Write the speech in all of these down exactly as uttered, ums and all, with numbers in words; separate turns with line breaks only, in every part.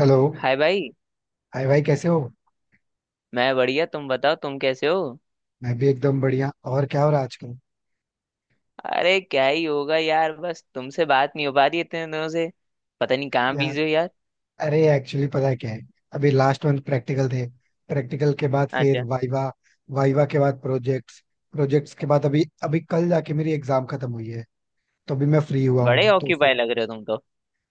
Hello.
Hi भाई।
Hi भाई, कैसे हो?
मैं बढ़िया, तुम बताओ, तुम कैसे हो?
मैं भी एकदम बढ़िया। और क्या हो रहा है आजकल?
अरे क्या ही होगा यार, बस तुमसे बात नहीं हो पा रही इतने दिनों से। पता नहीं कहाँ
यार,
बिजी हो यार।
अरे एक्चुअली पता है क्या है, अभी लास्ट मंथ प्रैक्टिकल थे। प्रैक्टिकल के बाद फिर
अच्छा।
वाइवा। वाइवा के बाद प्रोजेक्ट्स। प्रोजेक्ट्स के बाद अभी अभी कल जाके मेरी एग्जाम खत्म हुई है। तो अभी मैं फ्री हुआ
बड़े
हूँ तो
ऑक्यूपाई
फिर
लग रहे हो तुम तो।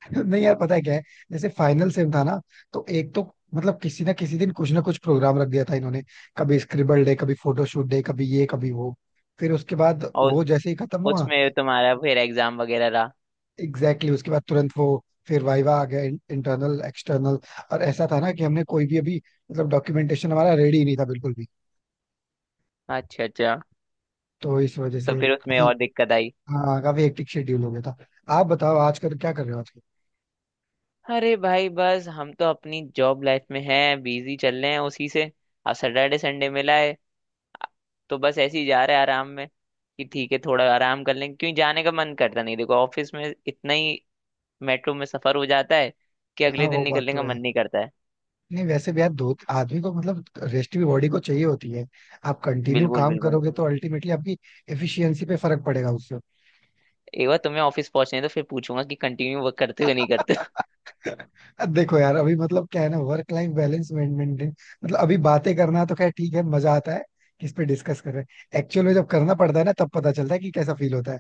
नहीं यार, पता है क्या है, जैसे फाइनल सेम था ना, तो एक तो मतलब किसी ना किसी दिन कुछ ना कुछ प्रोग्राम रख दिया था इन्होंने। कभी स्क्रिबल डे, कभी फोटोशूट डे, कभी ये कभी वो। फिर उसके बाद
और
वो जैसे ही खत्म हुआ,
उसमें तुम्हारा फिर एग्जाम वगैरह रहा?
एग्जैक्टली exactly, उसके बाद तुरंत वो फिर वाइवा आ गया, इंटरनल एक्सटर्नल। और ऐसा था ना कि हमने कोई भी अभी मतलब डॉक्यूमेंटेशन हमारा रेडी नहीं था बिल्कुल भी।
अच्छा अच्छा।
तो इस वजह
तो
से
फिर उसमें
काफी,
और दिक्कत आई?
हाँ, काफी हेक्टिक शेड्यूल हो गया था। आप बताओ, आजकल क्या कर रहे हो आजकल?
अरे भाई, बस हम तो अपनी जॉब लाइफ में हैं, बिजी चल रहे हैं उसी से। अब सैटरडे संडे मिला है तो बस ऐसे ही जा रहे हैं आराम में। कि ठीक है, थोड़ा आराम कर लें, क्यों जाने का मन करता नहीं, देखो ऑफिस में इतना ही मेट्रो में सफर हो जाता है कि
हाँ
अगले दिन
वो बात
निकलने
तो
का
है।
मन नहीं करता है।
नहीं, वैसे भी यार दो आदमी को मतलब रेस्ट भी बॉडी को चाहिए होती है। आप कंटिन्यू
बिल्कुल
काम
बिल्कुल।
करोगे तो अल्टीमेटली आपकी एफिशिएंसी पे फर्क पड़ेगा उससे।
एक बार तुम्हें ऑफिस पहुंचने तो फिर पूछूंगा कि कंटिन्यू वर्क करते हो नहीं करते हो।
देखो यार, अभी मतलब क्या है ना, वर्क लाइफ बैलेंस मेंटेन। मतलब अभी बातें करना तो खैर ठीक है, मजा आता है। किस पे डिस्कस कर रहे हैं एक्चुअल में, जब करना पड़ता है ना तब पता चलता है कि कैसा फील होता है।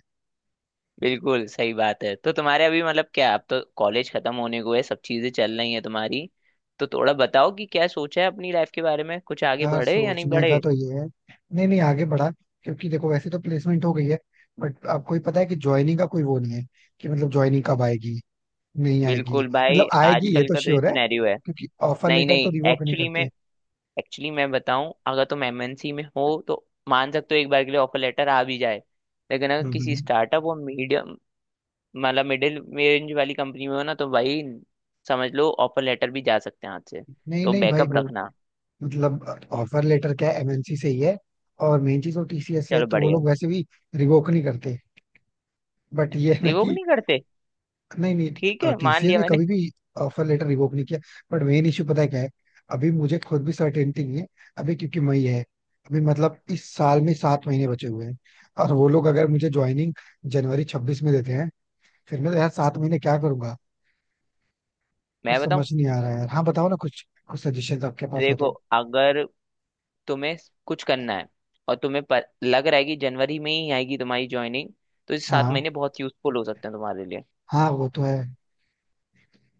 बिल्कुल सही बात है। तो तुम्हारे अभी मतलब क्या, अब तो कॉलेज खत्म होने को है, सब चीजें चल रही हैं तुम्हारी, तो थोड़ा बताओ कि क्या सोचा है अपनी लाइफ के बारे में, कुछ आगे
यार
बढ़े या नहीं
सोचने
बढ़े?
का तो ये है, नहीं नहीं, आगे बढ़ा। क्योंकि देखो, वैसे तो प्लेसमेंट हो गई है, बट आपको ही पता है कि ज्वाइनिंग का कोई वो नहीं है कि मतलब ज्वाइनिंग कब आएगी, नहीं आएगी।
बिल्कुल भाई,
मतलब आएगी ये
आजकल
तो
का तो ये
श्योर है,
सिनेरियो है।
क्योंकि ऑफर
नहीं
लेटर तो
नहीं,
रिवोक नहीं
एक्चुअली में
करते।
एक्चुअली मैं बताऊं, अगर तुम एम एन सी में हो तो मान सकते हो एक बार के लिए ऑफर लेटर आ भी जाए। लेकिन अगर
हम्म
किसी
हम्म।
स्टार्टअप और मीडियम मतलब मिडिल रेंज वाली कंपनी में हो ना तो भाई समझ लो ऑफर लेटर भी जा सकते हैं हाथ से।
नहीं
तो
नहीं भाई,
बैकअप
वो
रखना।
मतलब ऑफर लेटर क्या है, एमएनसी से ही है। और मेन चीज वो टीसीएस से है,
चलो
तो वो
बढ़िया।
लोग वैसे भी रिवोक नहीं करते। बट ये है ना
रिवोक
कि,
नहीं करते।
नहीं
ठीक
नहीं,
है, मान
टीसीएस
लिया
ने
मैंने।
कभी भी ऑफर लेटर रिवोक नहीं किया। बट मेन इश्यू पता है क्या है, अभी मुझे खुद भी सर्टेनिटी नहीं है। अभी क्योंकि मई है। अभी मतलब इस साल में सात महीने बचे हुए हैं। और वो लोग अगर मुझे ज्वाइनिंग जनवरी छब्बीस में देते हैं, फिर मैं तो यार सात महीने क्या करूंगा? कुछ
मैं
समझ
बताऊं,
नहीं आ रहा है यार। हाँ बताओ ना, कुछ कुछ सजेशन आपके पास हो तो।
देखो अगर तुम्हें कुछ करना है और तुम्हें पर, लग रहा है कि जनवरी में ही आएगी तुम्हारी ज्वाइनिंग, तो इस सात
हाँ,
महीने बहुत यूजफुल हो सकते हैं तुम्हारे लिए।
हाँ वो तो है।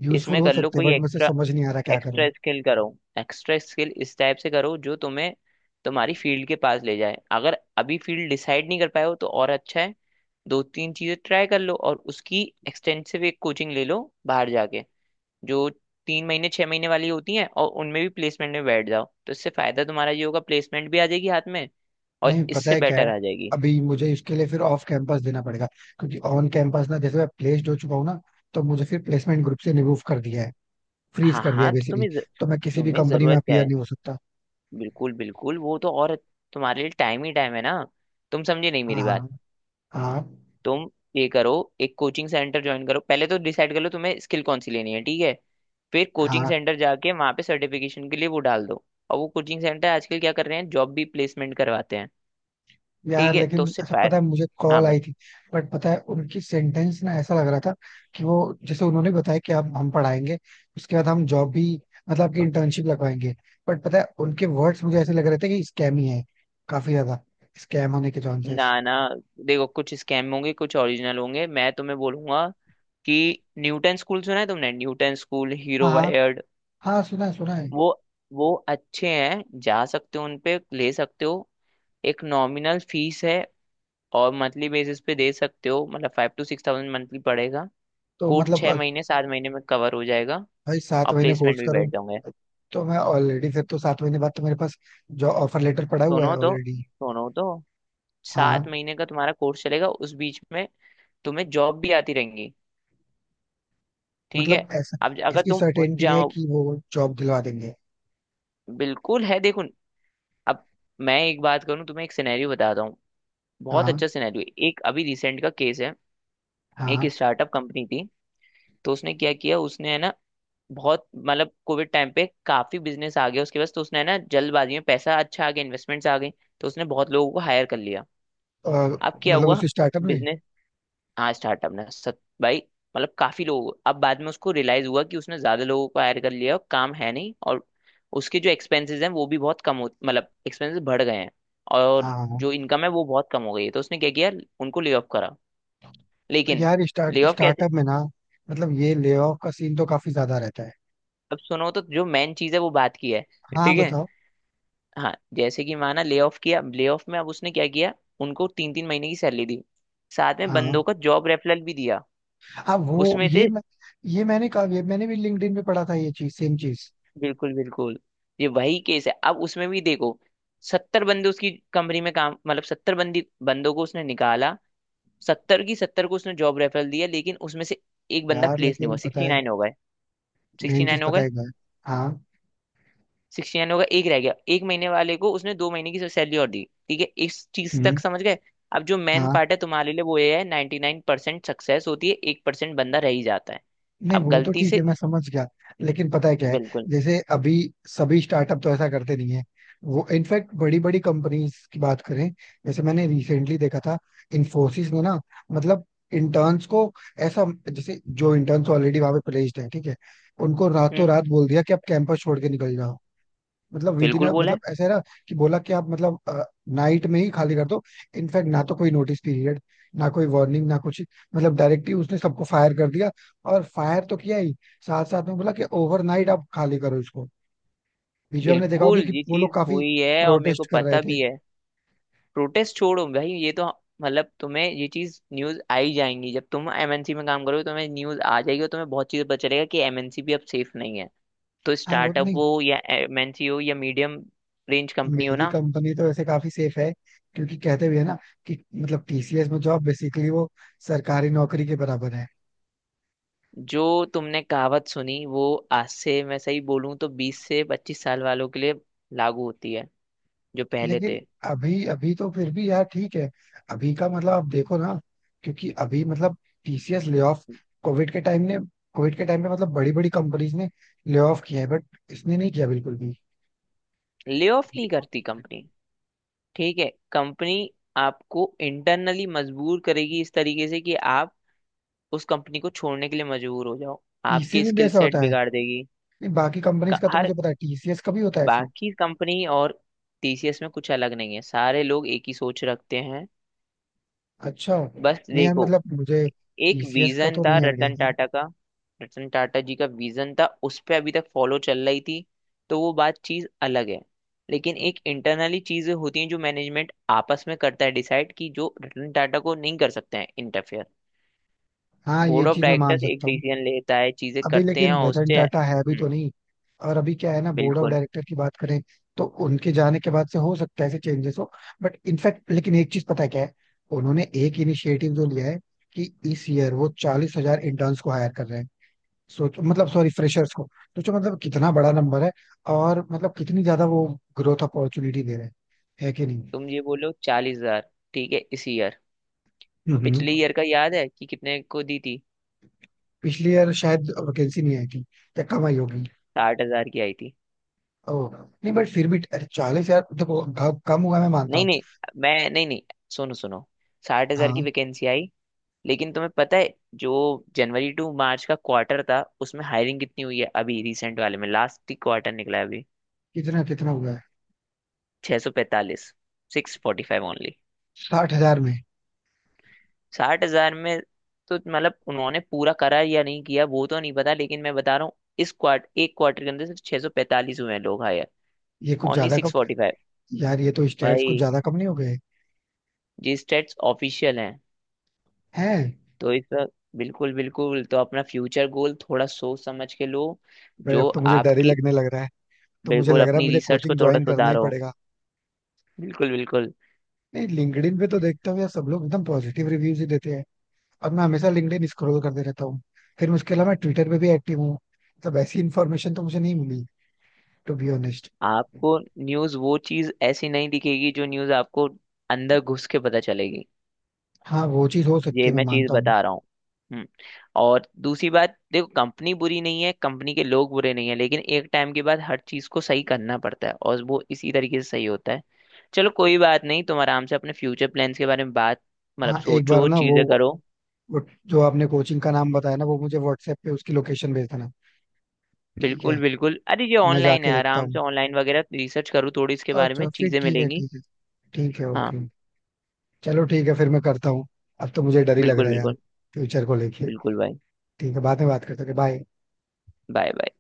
यूजफुल
इसमें
हो
कर लो
सकते हैं,
कोई
बट मुझे
एक्स्ट्रा
समझ नहीं आ रहा क्या करूं।
एक्स्ट्रा स्किल करो, एक्स्ट्रा स्किल इस टाइप से करो जो तुम्हें तुम्हारी फील्ड के पास ले जाए। अगर अभी फील्ड डिसाइड नहीं कर पाए हो तो और अच्छा है। दो तीन चीजें ट्राई कर लो और उसकी एक्सटेंसिव एक कोचिंग ले लो बाहर जाके, जो तीन महीने छह महीने वाली होती हैं, और उनमें भी प्लेसमेंट में बैठ जाओ तो इससे फायदा तुम्हारा ये होगा प्लेसमेंट भी आ जाएगी हाथ में और
नहीं, पता
इससे
है क्या
बेटर
है,
आ जाएगी।
अभी मुझे इसके लिए फिर ऑफ कैंपस देना पड़ेगा। क्योंकि ऑन कैंपस ना, जैसे मैं प्लेस्ड हो चुका हूँ ना, तो मुझे फिर प्लेसमेंट ग्रुप से रिमूव कर दिया है, फ्रीज
हाँ
कर दिया
हाँ, तो
बेसिकली।
तुम्हें ज-
तो मैं किसी भी
तुम्हें
कंपनी में
जरूरत क्या
अपीयर
है?
नहीं हो सकता।
बिल्कुल बिल्कुल, वो तो और तुम्हारे लिए टाइम ही टाइम है ना। तुम समझे नहीं मेरी
हाँ,
बात?
हाँ।
तुम ये करो, एक कोचिंग सेंटर ज्वाइन करो, पहले तो डिसाइड कर लो तुम्हें स्किल कौन सी लेनी है, ठीक है? फिर कोचिंग
हाँ
सेंटर जाके वहां पे सर्टिफिकेशन के लिए वो डाल दो। और वो कोचिंग सेंटर आजकल क्या कर रहे हैं, जॉब भी प्लेसमेंट करवाते हैं।
यार,
ठीक है तो
लेकिन
उससे
अच्छा
फाय
पता है, मुझे
हाँ,
कॉल
बस।
आई थी। बट पता है, उनकी सेंटेंस ना ऐसा लग रहा था कि वो, जैसे उन्होंने बताया कि आप, हम पढ़ाएंगे, उसके बाद हम जॉब भी मतलब आपकी इंटर्नशिप लगवाएंगे। बट पता है, उनके वर्ड्स मुझे ऐसे लग रहे थे कि स्कैम ही है, काफी ज्यादा स्कैम होने के
ना
चांसेस।
ना, देखो कुछ स्कैम होंगे कुछ ओरिजिनल होंगे। मैं तुम्हें बोलूंगा कि न्यूटन स्कूल सुना है तुमने? न्यूटन स्कूल,
हाँ,
हीरो
हाँ।
वायर।
हाँ सुना है, सुना है।
वो वो अच्छे हैं, जा सकते हो, उनपे ले सकते हो। एक नॉमिनल फीस है और मंथली बेसिस पे दे सकते हो, मतलब five to six thousand monthly पड़ेगा।
तो
कोर्स
मतलब
छह
अ,
महीने सात महीने में कवर हो जाएगा
भाई सात
और
महीने
प्लेसमेंट
कोर्स
भी
करूँ?
बैठ जाओगे।
तो मैं ऑलरेडी फिर, तो सात महीने बाद तो मेरे पास जो ऑफर लेटर पड़ा हुआ है
दोनों तो
ऑलरेडी।
दोनों तो सात
हाँ।
महीने का तुम्हारा कोर्स चलेगा, उस बीच में तुम्हें जॉब भी आती रहेंगी। ठीक
मतलब
है।
ऐसा
अब ज- अगर
इसकी
तुम उन
सर्टेनिटी है
जाओ,
कि वो जॉब दिलवा देंगे?
बिल्कुल है देखो। अब मैं एक बात करूं, तुम्हें एक सिनेरियो बताता हूँ, बहुत
हाँ,
अच्छा सिनेरियो, एक अभी रिसेंट का केस है। एक
हाँ।
स्टार्टअप कंपनी थी, तो उसने क्या किया, उसने है ना बहुत मतलब कोविड टाइम पे काफी बिजनेस आ गया उसके पास, तो उसने है ना जल्दबाजी में, पैसा अच्छा आ गया, इन्वेस्टमेंट्स आ गई, तो उसने बहुत लोगों को हायर कर लिया।
और
अब क्या
मतलब
हुआ?
उस स्टार्टअप में।
बिजनेस, हाँ स्टार्टअप ने सत भाई मतलब काफी लोग, अब बाद में उसको रियलाइज हुआ कि उसने ज्यादा लोगों को हायर कर लिया और काम है नहीं, और उसके जो एक्सपेंसेस हैं वो भी बहुत कम हो, मतलब एक्सपेंसेस बढ़ गए हैं और
हाँ,
जो
हाँ।
इनकम है वो बहुत कम हो गई है, तो उसने क्या किया, उनको ले ऑफ करा। लेकिन
यार
ले
स्टार्ट
ऑफ कैसे?
स्टार्टअप में ना, मतलब ये लेऑफ का सीन तो काफी ज्यादा रहता है।
अब सुनो तो, जो मेन चीज है वो बात की है।
हाँ
ठीक है।
बताओ।
हाँ जैसे कि माना ले ऑफ किया, ले ऑफ में अब उसने क्या किया, उनको तीन तीन महीने की सैलरी दी, साथ में
हाँ,
बंदों को जॉब रेफरल भी दिया।
हाँ वो,
उसमें
ये
से,
मैं, ये मैंने कहा, ये मैंने भी लिंक्डइन पे पढ़ा था ये चीज, सेम चीज।
बिल्कुल बिल्कुल, ये वही केस है। अब उसमें भी देखो, सत्तर बंदे उसकी कंपनी में काम, मतलब सत्तर बंदी बंदों को उसने निकाला, सत्तर की सत्तर को उसने जॉब रेफरल दिया, लेकिन उसमें से एक बंदा
यार
प्लेस नहीं हुआ,
लेकिन पता
सिक्सटी
है,
नाइन हो गए। सिक्सटी
मेन चीज
नाइन हो
पता
गए,
है क्या है? हाँ।
सिक्सटी नाइन होगा एक रह गया, एक महीने वाले को उसने दो महीने की सैलरी और दी। ठीक है, इस चीज
हम्म।
तक समझ गए? अब जो मेन पार्ट है तुम्हारे लिए वो ये है, नाइन्टी नाइन परसेंट सक्सेस होती है, एक परसेंट बंदा रह ही जाता है।
नहीं,
अब
वो तो
गलती
ठीक है,
से,
मैं समझ गया। लेकिन पता है क्या है,
बिल्कुल।
जैसे अभी सभी स्टार्टअप तो ऐसा करते नहीं है। वो इनफैक्ट बड़ी बड़ी कंपनीज की बात करें, जैसे मैंने रिसेंटली देखा था, इन्फोसिस ने ना मतलब इंटर्न्स को ऐसा, जैसे जो इंटर्न्स ऑलरेडी वहां पे प्लेस्ड है ठीक है, उनको रातों
हम्म।
रात बोल दिया कि आप कैंपस छोड़ के निकल जाओ। मतलब विदिन,
बिल्कुल बोला
मतलब
है।
ऐसा है ना कि बोला कि आप मतलब नाइट में ही खाली कर दो। इनफैक्ट ना तो कोई नोटिस पीरियड, ना कोई वार्निंग, ना कुछ, मतलब डायरेक्टली उसने सबको फायर कर दिया। और फायर तो किया ही, साथ साथ में बोला कि ओवरनाइट आप खाली करो इसको। बीच में हमने देखा
बिल्कुल
होगा कि
ये
वो लोग
चीज
काफी
हुई है और मेरे
प्रोटेस्ट
को
कर रहे
पता
थे।
भी है। प्रोटेस्ट छोड़ो भाई ये तो, मतलब तुम्हें ये चीज न्यूज आ ही जाएंगी जब तुम एम एन सी में काम करोगे, तुम्हें न्यूज आ जाएगी और तुम्हें बहुत चीजें पता चलेगा कि एम एन सी भी अब सेफ नहीं है। तो
हाँ वो
स्टार्टअप
नहीं,
हो या एम एन सी हो या मीडियम रेंज कंपनी हो
मेरी
ना,
कंपनी तो वैसे काफी सेफ है। क्योंकि कहते भी है ना कि मतलब टीसीएस में जॉब बेसिकली वो सरकारी नौकरी के बराबर है।
जो तुमने कहावत सुनी वो आज से मैं सही बोलूं तो बीस से पच्चीस साल वालों के लिए लागू होती है, जो पहले
लेकिन
थे।
अभी अभी तो फिर भी यार ठीक है। अभी का मतलब आप देखो ना, क्योंकि अभी मतलब टीसीएस ले ऑफ, कोविड के टाइम ने, कोविड के टाइम पे मतलब बड़ी बड़ी कंपनीज ने ले ऑफ किया है, बट इसने नहीं किया बिल्कुल भी।
ले ऑफ नहीं करती कंपनी, ठीक है। कंपनी आपको इंटरनली मजबूर करेगी इस तरीके से कि आप उस कंपनी को छोड़ने के लिए मजबूर हो जाओ,
टीसीएस
आपके
में भी
स्किल
ऐसा
सेट
होता है?
बिगाड़ देगी।
नहीं, बाकी कंपनीज
क-
का तो मुझे
हर,
पता है, टीसीएस का भी होता है ऐसे?
बाकी कंपनी और टी सी एस में कुछ अलग नहीं है, सारे लोग एक ही सोच रखते हैं।
अच्छा,
बस
नहीं यार
देखो,
मतलब मुझे
एक
टीसीएस का
विजन
तो
था
नहीं आइडिया
रतन
था।
टाटा का, रतन टाटा जी का विजन था, उस पे अभी तक फॉलो चल रही थी, तो वो बात चीज अलग है। लेकिन एक इंटरनली चीजें होती हैं जो मैनेजमेंट आपस में करता है डिसाइड, कि जो रतन टाटा को नहीं कर सकते हैं इंटरफेयर,
हाँ ये
बोर्ड ऑफ
चीज मैं मान
डायरेक्टर्स एक
सकता हूँ।
डिसीजन लेता है, चीजें
अभी
करते हैं
लेकिन
और
रतन
उससे।
टाटा है अभी
हम्म।
तो नहीं। और अभी क्या है ना, बोर्ड ऑफ
बिल्कुल।
डायरेक्टर की बात करें, तो उनके जाने के बाद से हो सकता है ऐसे चेंजेस हो। बट इनफैक्ट, लेकिन एक चीज पता है क्या है, उन्होंने एक इनिशिएटिव जो लिया है कि इस ईयर वो चालीस हजार इंटर्न्स को हायर कर रहे हैं। सोचो मतलब, सॉरी, फ्रेशर्स को। सोचो मतलब कितना बड़ा नंबर है। और मतलब कितनी ज्यादा वो ग्रोथ अपॉर्चुनिटी दे रहे हैं, है कि नहीं?
तुम ये बोलो चालीस हजार, ठीक है इस ईयर,
हम्म।
पिछले ईयर का याद है कि कितने को दी थी?
पिछले ईयर शायद वैकेंसी नहीं आई थी, या कम आई होगी।
साठ हजार की आई थी।
ओ। नहीं, बट फिर भी चालीस हजार, देखो घ- कम हुआ मैं मानता
नहीं
हूँ।
नहीं, मैं नहीं नहीं सुनो सुनो, साठ हजार की
हाँ।
वैकेंसी आई, लेकिन तुम्हें पता है जो जनवरी टू मार्च का क्वार्टर था उसमें हायरिंग कितनी हुई है, अभी रिसेंट वाले में लास्ट ही क्वार्टर निकला है अभी,
कितना कितना हुआ है?
Six forty five, six forty five only,
साठ हजार में?
साठ हजार में। तो मतलब उन्होंने पूरा करा या नहीं किया वो तो नहीं पता, लेकिन मैं बता रहा हूँ इस क्वार्टर, एक क्वार्टर के अंदर सिर्फ सिक्स फोर्टी फाइव हुए हैं लोग हायर,
ये कुछ
ओनली
ज्यादा कम।
Six forty five.
यार ये तो स्टैट्स कुछ
भाई
ज्यादा कम नहीं हो गए
जी, स्टेट्स ऑफिशियल हैं।
हैं?
तो इस वक्त बिल्कुल बिल्कुल, तो अपना फ्यूचर गोल थोड़ा सोच समझ के लो
भाई
जो
अब तो मुझे डर ही
आपकी।
लगने लग रहा है। तो मुझे
बिल्कुल,
लग रहा है
अपनी
मुझे
रिसर्च को
कोचिंग
थोड़ा
ज्वाइन करना ही
सुधारो।
पड़ेगा।
बिल्कुल बिल्कुल।
नहीं, लिंक्डइन पे तो देखता हूँ यार, सब लोग एकदम पॉजिटिव रिव्यूज ही देते हैं। और मैं हमेशा लिंक्डइन स्क्रॉल करते रहता हूँ। फिर उसके अलावा मैं ट्विटर पे भी एक्टिव हूँ, मतलब ऐसी इन्फॉर्मेशन तो मुझे नहीं मिली टू बी ऑनेस्ट।
आपको न्यूज़ वो चीज़ ऐसी नहीं दिखेगी जो न्यूज़ आपको अंदर घुस के पता चलेगी।
हाँ वो चीज हो सकती
ये
है, मैं
मैं चीज़
मानता हूँ।
बता रहा हूँ। हम्म। और दूसरी बात देखो, कंपनी बुरी नहीं है, कंपनी के लोग बुरे नहीं है, लेकिन एक टाइम के बाद हर चीज़ को सही करना पड़ता है और वो इसी तरीके से सही होता है। चलो कोई बात नहीं, तुम आराम से अपने फ्यूचर प्लान्स के बारे में बात, मतलब
हाँ एक बार
सोचो,
ना, वो,
चीज़ें करो।
वो जो आपने कोचिंग का नाम बताया ना, वो मुझे व्हाट्सएप पे उसकी लोकेशन भेज देना, ठीक
बिल्कुल
है?
बिल्कुल, अरे ये
मैं
ऑनलाइन
जाके
है,
देखता
आराम
हूँ।
से ऑनलाइन वगैरह रिसर्च करो, थोड़ी इसके बारे
अच्छा,
में
फिर
चीज़ें
ठीक है,
मिलेंगी।
ठीक है। ठीक है,
हाँ।
ओके। चलो ठीक है, फिर मैं करता हूँ। अब तो मुझे डर ही लग
बिल्कुल
रहा है यार,
बिल्कुल।
फ्यूचर को लेके।
बिल्कुल भाई।
ठीक है, बाद में बात करते हैं, बाय।
Bye bye.